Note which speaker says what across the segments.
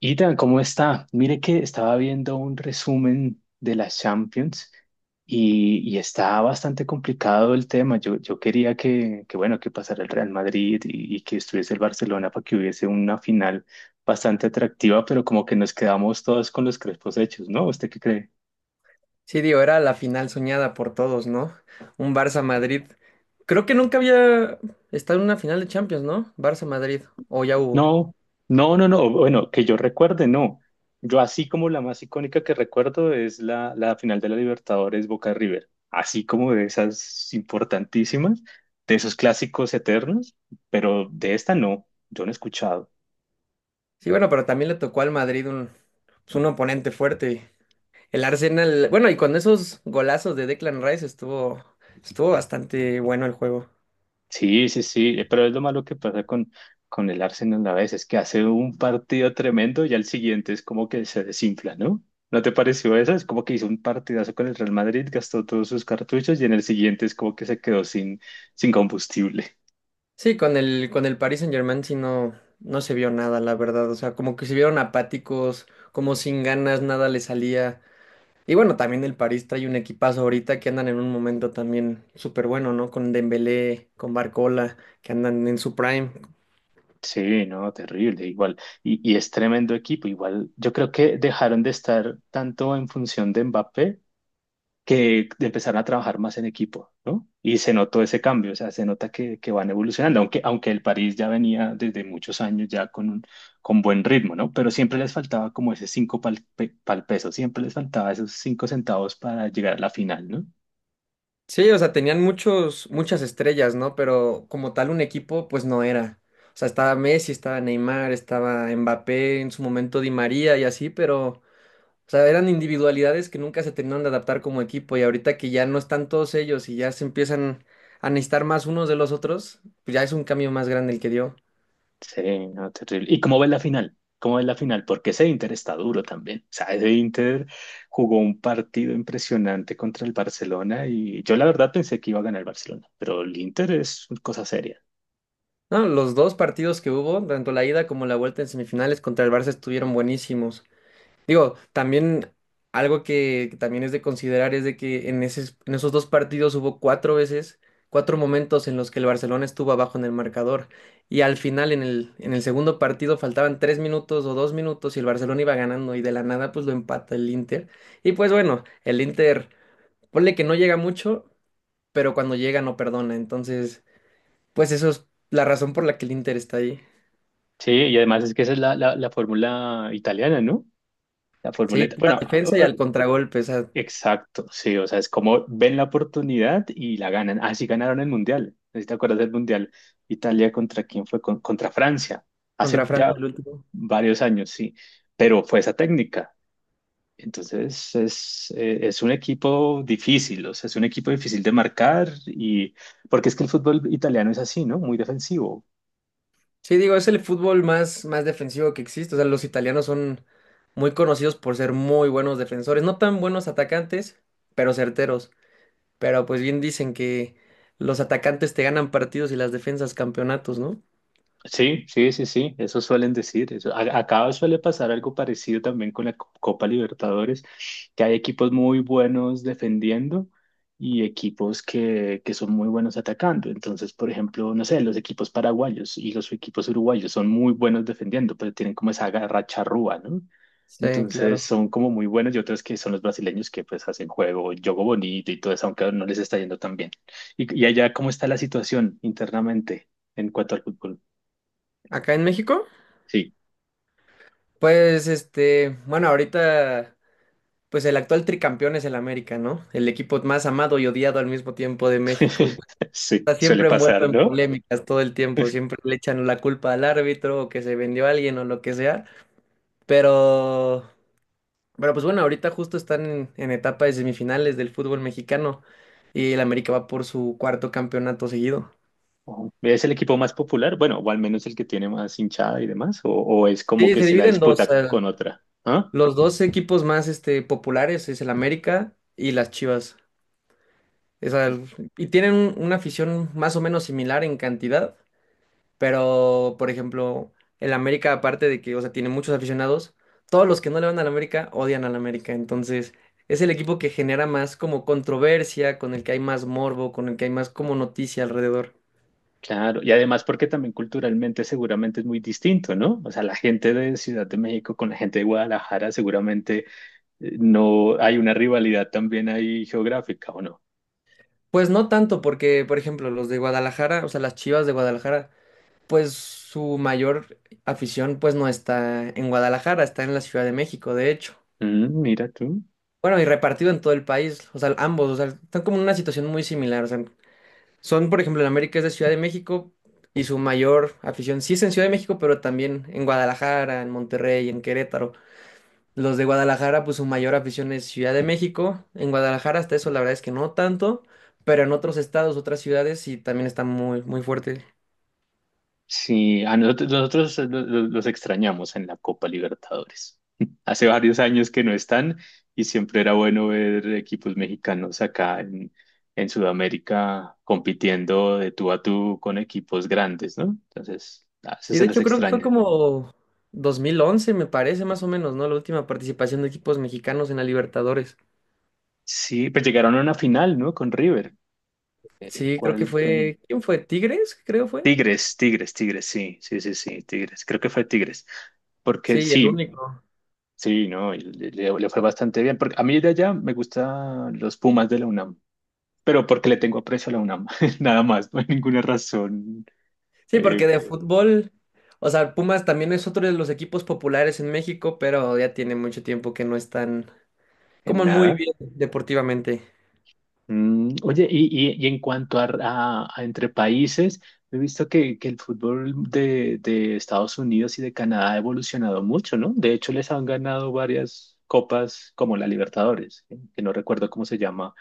Speaker 1: Ida, ¿cómo está? Mire que estaba viendo un resumen de las Champions y, está bastante complicado el tema. Yo quería que pasara el Real Madrid y, que estuviese el Barcelona para que hubiese una final bastante atractiva, pero como que nos quedamos todos con los crespos hechos, ¿no? ¿Usted qué cree?
Speaker 2: Sí, digo, era la final soñada por todos, ¿no? Un Barça-Madrid. Creo que nunca había estado en una final de Champions, ¿no? Barça-Madrid. O ya hubo.
Speaker 1: No, no, no, no. Bueno, que yo recuerde, no. Yo así como la más icónica que recuerdo es la final de la Libertadores Boca River. Así como de esas importantísimas, de esos clásicos eternos, pero de esta no, yo no he escuchado.
Speaker 2: Sí, bueno, pero también le tocó al Madrid un, pues, un oponente fuerte. El Arsenal. Bueno, y con esos golazos de Declan Rice estuvo bastante bueno el juego.
Speaker 1: Sí, sí, sí, pero es lo malo que pasa con el Arsenal a veces, que hace un partido tremendo y al siguiente es como que se desinfla, ¿no? ¿No te pareció eso? Es como que hizo un partidazo con el Real Madrid, gastó todos sus cartuchos y en el siguiente es como que se quedó sin combustible.
Speaker 2: Sí, con el Paris Saint-Germain no se vio nada, la verdad. O sea, como que se vieron apáticos, como sin ganas, nada le salía. Y bueno, también el París trae un equipazo ahorita que andan en un momento también súper bueno, ¿no? Con Dembélé, con Barcola, que andan en su prime.
Speaker 1: Sí, no, terrible, igual. Y, es tremendo equipo, igual. Yo creo que dejaron de estar tanto en función de Mbappé que empezaron a trabajar más en equipo, ¿no? Y se notó ese cambio, o sea, se nota que van evolucionando, aunque el París ya venía desde muchos años ya con buen ritmo, ¿no? Pero siempre les faltaba como ese pal peso, siempre les faltaba esos cinco centavos para llegar a la final, ¿no?
Speaker 2: Sí, o sea, muchas estrellas, ¿no? Pero como tal un equipo, pues no era. O sea, estaba Messi, estaba Neymar, estaba Mbappé, en su momento Di María y así, pero, o sea, eran individualidades que nunca se terminaron de adaptar como equipo. Y ahorita que ya no están todos ellos y ya se empiezan a necesitar más unos de los otros, pues ya es un cambio más grande el que dio.
Speaker 1: Sí, no, terrible. ¿Y cómo ves la final? ¿Cómo ves la final? Porque ese Inter está duro también. O sea, ese Inter jugó un partido impresionante contra el Barcelona y yo la verdad pensé que iba a ganar el Barcelona, pero el Inter es una cosa seria.
Speaker 2: No, los dos partidos que hubo, tanto la ida como la vuelta en semifinales contra el Barça estuvieron buenísimos. Digo, también algo que también es de considerar es de que en en esos dos partidos hubo cuatro momentos en los que el Barcelona estuvo abajo en el marcador. Y al final, en el segundo partido, faltaban tres minutos o dos minutos y el Barcelona iba ganando y de la nada pues lo empata el Inter. Y pues bueno, el Inter, ponle que no llega mucho, pero cuando llega no perdona. Entonces, pues eso es la razón por la que el Inter está ahí.
Speaker 1: Sí, y además es que esa es la fórmula italiana, ¿no? La fórmula,
Speaker 2: Sí,
Speaker 1: ita-
Speaker 2: pura
Speaker 1: bueno,
Speaker 2: defensa y
Speaker 1: a-
Speaker 2: al contragolpe, o sea,
Speaker 1: Exacto, sí, o sea, es como ven la oportunidad y la ganan. Así ganaron el Mundial, no sé si te acuerdas del Mundial, Italia contra quién fue, contra Francia, hace
Speaker 2: contra
Speaker 1: ya
Speaker 2: Francia el último.
Speaker 1: varios años, sí, pero fue esa técnica. Entonces es un equipo difícil, o sea, es un equipo difícil de marcar y porque es que el fútbol italiano es así, ¿no? Muy defensivo.
Speaker 2: Sí, digo, es el fútbol más defensivo que existe. O sea, los italianos son muy conocidos por ser muy buenos defensores, no tan buenos atacantes, pero certeros. Pero pues bien dicen que los atacantes te ganan partidos y las defensas campeonatos, ¿no?
Speaker 1: Sí, sí, sí, sí, eso suelen decir. Eso. Acá suele pasar algo parecido también con la Copa Libertadores, que hay equipos muy buenos defendiendo y equipos que son muy buenos atacando. Entonces, por ejemplo, no sé, los equipos paraguayos y los equipos uruguayos son muy buenos defendiendo, pero tienen como esa garra charrúa, ¿no?
Speaker 2: Sí,
Speaker 1: Entonces
Speaker 2: claro.
Speaker 1: son como muy buenos y otros que son los brasileños que pues hacen juego, juego bonito y todo eso, aunque no les está yendo tan bien. Y, allá, ¿cómo está la situación internamente en cuanto al fútbol?
Speaker 2: Acá en México,
Speaker 1: Sí,
Speaker 2: pues bueno, ahorita, pues el actual tricampeón es el América, ¿no? El equipo más amado y odiado al mismo tiempo de México.
Speaker 1: sí,
Speaker 2: Está
Speaker 1: suele
Speaker 2: siempre envuelto
Speaker 1: pasar,
Speaker 2: en
Speaker 1: ¿no?
Speaker 2: polémicas todo el tiempo, siempre le echan la culpa al árbitro o que se vendió a alguien o lo que sea, pero, pero pues bueno, ahorita justo están en etapa de semifinales del fútbol mexicano y el América va por su cuarto campeonato seguido.
Speaker 1: Ujú. ¿Es el equipo más popular? Bueno, o al menos el que tiene más hinchada y demás, o es como
Speaker 2: Sí,
Speaker 1: que
Speaker 2: se
Speaker 1: se la
Speaker 2: divide en dos,
Speaker 1: disputa con otra, ¿ah?
Speaker 2: los dos equipos más populares es el América y las Chivas. Esa- y una afición más o menos similar en cantidad. Pero, por ejemplo, el América, aparte de que, o sea, tiene muchos aficionados, todos los que no le van al América odian al América. Entonces, es el equipo que genera más como controversia, con el que hay más morbo, con el que hay más como noticia alrededor.
Speaker 1: Claro, y además porque también culturalmente seguramente es muy distinto, ¿no? O sea, la gente de Ciudad de México con la gente de Guadalajara seguramente no hay una rivalidad también ahí geográfica, ¿o no?
Speaker 2: Pues no tanto, porque, por ejemplo, los de Guadalajara, o sea, las Chivas de Guadalajara, pues su mayor afición, pues no está en Guadalajara, está en la Ciudad de México, de hecho.
Speaker 1: Mm, mira tú.
Speaker 2: Bueno, y repartido en todo el país, o sea, ambos, o sea, están como en una situación muy similar, o sea, son, por ejemplo, en América es de Ciudad de México y su mayor afición sí es en Ciudad de México, pero también en Guadalajara, en Monterrey, en Querétaro. Los de Guadalajara, pues su mayor afición es Ciudad de México. En Guadalajara hasta eso la verdad es que no tanto, pero en otros estados, otras ciudades sí también está muy, muy fuerte.
Speaker 1: Sí, a nosotros, los extrañamos en la Copa Libertadores. Hace varios años que no están y siempre era bueno ver equipos mexicanos acá en Sudamérica compitiendo de tú a tú con equipos grandes, ¿no? Entonces, a veces
Speaker 2: Sí,
Speaker 1: se
Speaker 2: de
Speaker 1: les
Speaker 2: hecho creo que fue
Speaker 1: extraña.
Speaker 2: como 2011, me parece más o menos, ¿no? La última participación de equipos mexicanos en la Libertadores.
Speaker 1: Sí, pues llegaron a una final, ¿no? Con River.
Speaker 2: Sí, creo que
Speaker 1: ¿Cuál?
Speaker 2: fue, ¿quién fue? Tigres, creo fue.
Speaker 1: Tigres, Tigres, Tigres, sí, sí, sí, sí, Tigres. Creo que fue Tigres. Porque
Speaker 2: Sí, el
Speaker 1: sí,
Speaker 2: único.
Speaker 1: sí, no, y le fue bastante bien. Porque a mí de allá me gustan los Pumas de la UNAM, pero porque le tengo aprecio a la UNAM, nada más, no hay ninguna razón
Speaker 2: Sí,
Speaker 1: eh,
Speaker 2: porque de fútbol, o sea, Pumas también es otro de los equipos populares en México, pero ya tiene mucho tiempo que no están
Speaker 1: en
Speaker 2: como muy
Speaker 1: nada.
Speaker 2: bien deportivamente.
Speaker 1: Mm, oye, y en cuanto a entre países, he visto que el fútbol de Estados Unidos y de Canadá ha evolucionado mucho, ¿no? De hecho, les han ganado varias copas como la Libertadores, que no recuerdo cómo se llama,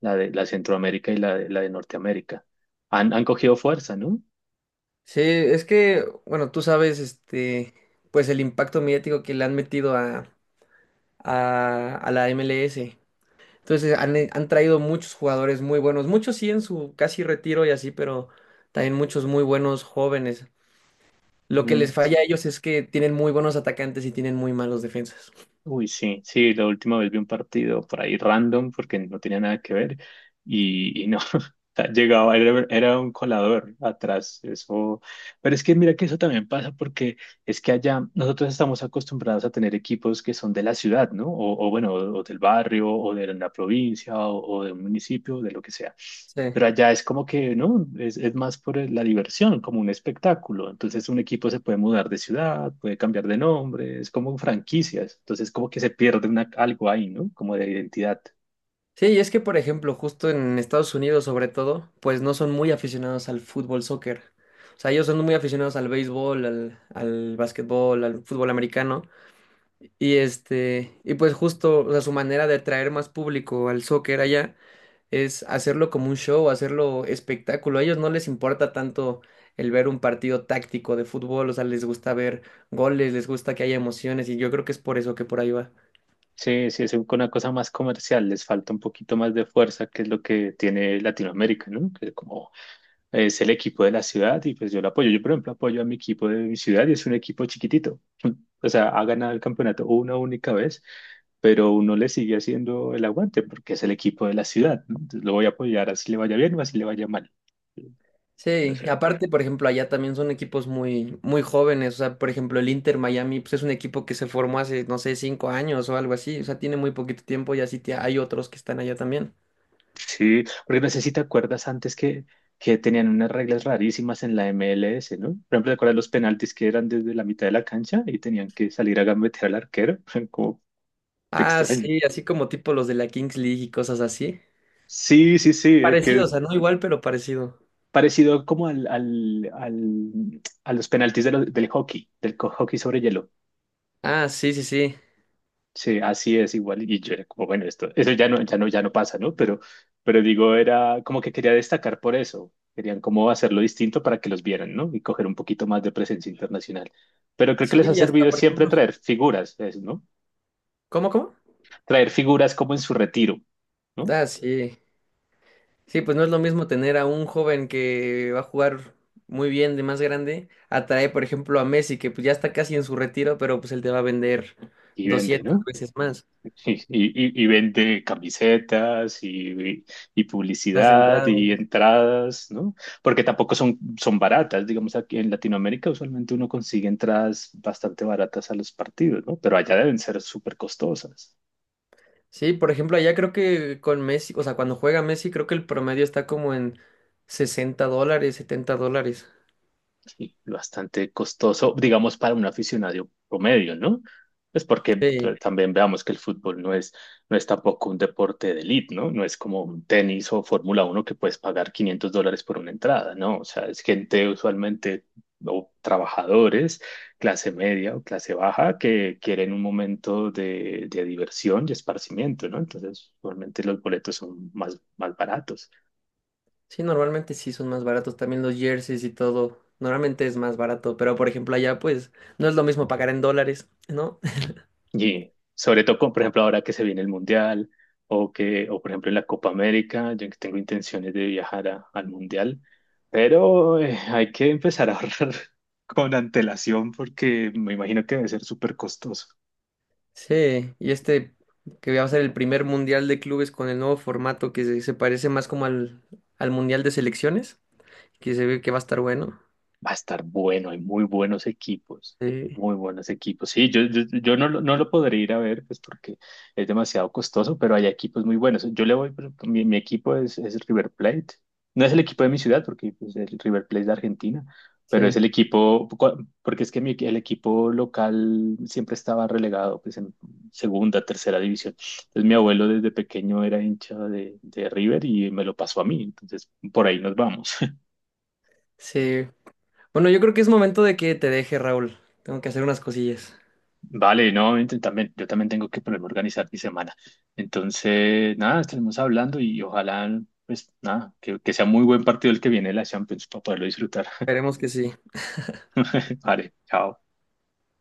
Speaker 1: la de la Centroamérica y la la de Norteamérica. Han, han cogido fuerza, ¿no?
Speaker 2: Sí, es que, bueno, tú sabes, este, pues el impacto mediático que le han metido a la MLS. Entonces han, han traído muchos jugadores muy buenos, muchos sí en su casi retiro y así, pero también muchos muy buenos jóvenes. Lo que
Speaker 1: Mm,
Speaker 2: les falla a ellos es que tienen muy buenos atacantes y tienen muy malos defensas.
Speaker 1: uy, sí, sí, la última vez vi un partido por ahí random porque no tenía nada que ver y, no, o sea, llegaba, era un colador atrás, eso, pero es que mira que eso también pasa porque es que allá nosotros estamos acostumbrados a tener equipos que son de la ciudad, ¿no? O bueno, o, del barrio, o de la provincia, o de un municipio, de lo que sea.
Speaker 2: Sí.
Speaker 1: Pero allá es como que, ¿no? Es más por la diversión, como un espectáculo. Entonces un equipo se puede mudar de ciudad, puede cambiar de nombre, es como franquicias. Entonces como que se pierde una, algo ahí, ¿no? Como de identidad.
Speaker 2: Sí, y es que, por ejemplo, justo en Estados Unidos, sobre todo, pues no son muy aficionados al fútbol, soccer. O sea, ellos son muy aficionados al béisbol, al básquetbol, al fútbol americano. Y este, y pues justo, o sea, su manera de atraer más público al soccer allá es hacerlo como un show, hacerlo espectáculo. A ellos no les importa tanto el ver un partido táctico de fútbol, o sea, les gusta ver goles, les gusta que haya emociones, y yo creo que es por eso que por ahí va.
Speaker 1: Sí, sí, es una cosa más comercial, les falta un poquito más de fuerza, que es lo que tiene Latinoamérica, ¿no? Que como es el equipo de la ciudad y pues yo lo apoyo. Yo, por ejemplo, apoyo a mi equipo de mi ciudad y es un equipo chiquitito. O sea, ha ganado el campeonato una única vez, pero uno le sigue haciendo el aguante porque es el equipo de la ciudad, ¿no? Entonces lo voy a apoyar así le vaya bien o así le vaya mal. O
Speaker 2: Sí, y
Speaker 1: sea,
Speaker 2: aparte, por ejemplo, allá también son equipos muy jóvenes. O sea, por ejemplo, el Inter Miami, pues es un equipo que se formó hace, no sé, 5 años o algo así. O sea, tiene muy poquito tiempo y así hay otros que están allá también.
Speaker 1: sí, porque no sé si te acuerdas antes que tenían unas reglas rarísimas en la MLS, ¿no? Por ejemplo, ¿te acuerdas los penaltis que eran desde la mitad de la cancha y tenían que salir a gambetear al arquero? Como te
Speaker 2: Ah,
Speaker 1: extraño.
Speaker 2: sí, así como tipo los de la Kings League y cosas así.
Speaker 1: Sí, sí, sí, que
Speaker 2: Parecido, o sea, no igual, pero parecido.
Speaker 1: parecido como a los penaltis de del hockey, del hockey sobre hielo.
Speaker 2: Ah, sí, sí, sí.
Speaker 1: Sí, así es igual. Y yo era como, bueno, esto, eso ya no, ya no pasa, ¿no? Pero digo, era como que quería destacar por eso. Querían como hacerlo distinto para que los vieran, ¿no? Y coger un poquito más de presencia internacional. Pero creo que
Speaker 2: Sí,
Speaker 1: les ha
Speaker 2: y hasta,
Speaker 1: servido
Speaker 2: por
Speaker 1: siempre
Speaker 2: ejemplo,
Speaker 1: traer figuras, es, ¿no?
Speaker 2: ¿cómo?
Speaker 1: Traer figuras como en su retiro, ¿no?
Speaker 2: Ah, sí. Sí, pues no es lo mismo tener a un joven que va a jugar muy bien de más grande, atrae, por ejemplo, a Messi, que pues ya está casi en su retiro, pero pues él te va a vender
Speaker 1: Y vende,
Speaker 2: doscientas
Speaker 1: no.
Speaker 2: veces más
Speaker 1: Y, y vende camisetas y
Speaker 2: las
Speaker 1: publicidad y
Speaker 2: entradas.
Speaker 1: entradas, ¿no? Porque tampoco son, son baratas, digamos, aquí en Latinoamérica usualmente uno consigue entradas bastante baratas a los partidos, ¿no? Pero allá deben ser súper costosas.
Speaker 2: Sí, por ejemplo, allá creo que con Messi, o sea, cuando juega Messi, creo que el promedio está como en $60, $70.
Speaker 1: Y bastante costoso, digamos, para un aficionado promedio, ¿no? Es porque
Speaker 2: Sí,
Speaker 1: pero también veamos que el fútbol no es, no es tampoco un deporte de élite, ¿no? No es como un tenis o Fórmula uno que puedes pagar $500 por una entrada, ¿no? O sea, es gente usualmente o trabajadores, clase media o clase baja, que quieren un momento de diversión y esparcimiento, ¿no? Entonces, usualmente los boletos son más, más baratos.
Speaker 2: sí, normalmente sí son más baratos también los jerseys y todo. Normalmente es más barato, pero por ejemplo, allá pues no es lo mismo pagar en dólares, ¿no?
Speaker 1: Y sobre todo, con, por ejemplo, ahora que se viene el Mundial o que, o por ejemplo, en la Copa América, yo que tengo intenciones de viajar al Mundial, pero hay que empezar a ahorrar con antelación porque me imagino que debe ser súper costoso.
Speaker 2: Sí, y este que va a ser el primer mundial de clubes con el nuevo formato se parece más como al mundial de selecciones, que se ve que va a estar bueno.
Speaker 1: Va a estar bueno, hay muy buenos equipos,
Speaker 2: Sí,
Speaker 1: muy buenos equipos. Sí, yo no, no lo podré ir a ver, pues porque es demasiado costoso, pero hay equipos muy buenos. Yo le voy, mi, mi equipo es el River Plate. No es el equipo de mi ciudad, porque pues, el River Plate es de Argentina, pero es
Speaker 2: sí,
Speaker 1: el equipo, porque es que mi, el equipo local siempre estaba relegado, pues en segunda, tercera división. Entonces mi abuelo desde pequeño era hincha de River y me lo pasó a mí, entonces por ahí nos vamos.
Speaker 2: sí. Bueno, yo creo que es momento de que te deje, Raúl. Tengo que hacer unas cosillas.
Speaker 1: Vale, no, también, yo también tengo que ponerme a organizar mi semana. Entonces, nada, estaremos hablando y ojalá, pues nada, que sea muy buen partido el que viene de la Champions para poderlo disfrutar.
Speaker 2: Esperemos que sí.
Speaker 1: Vale, chao.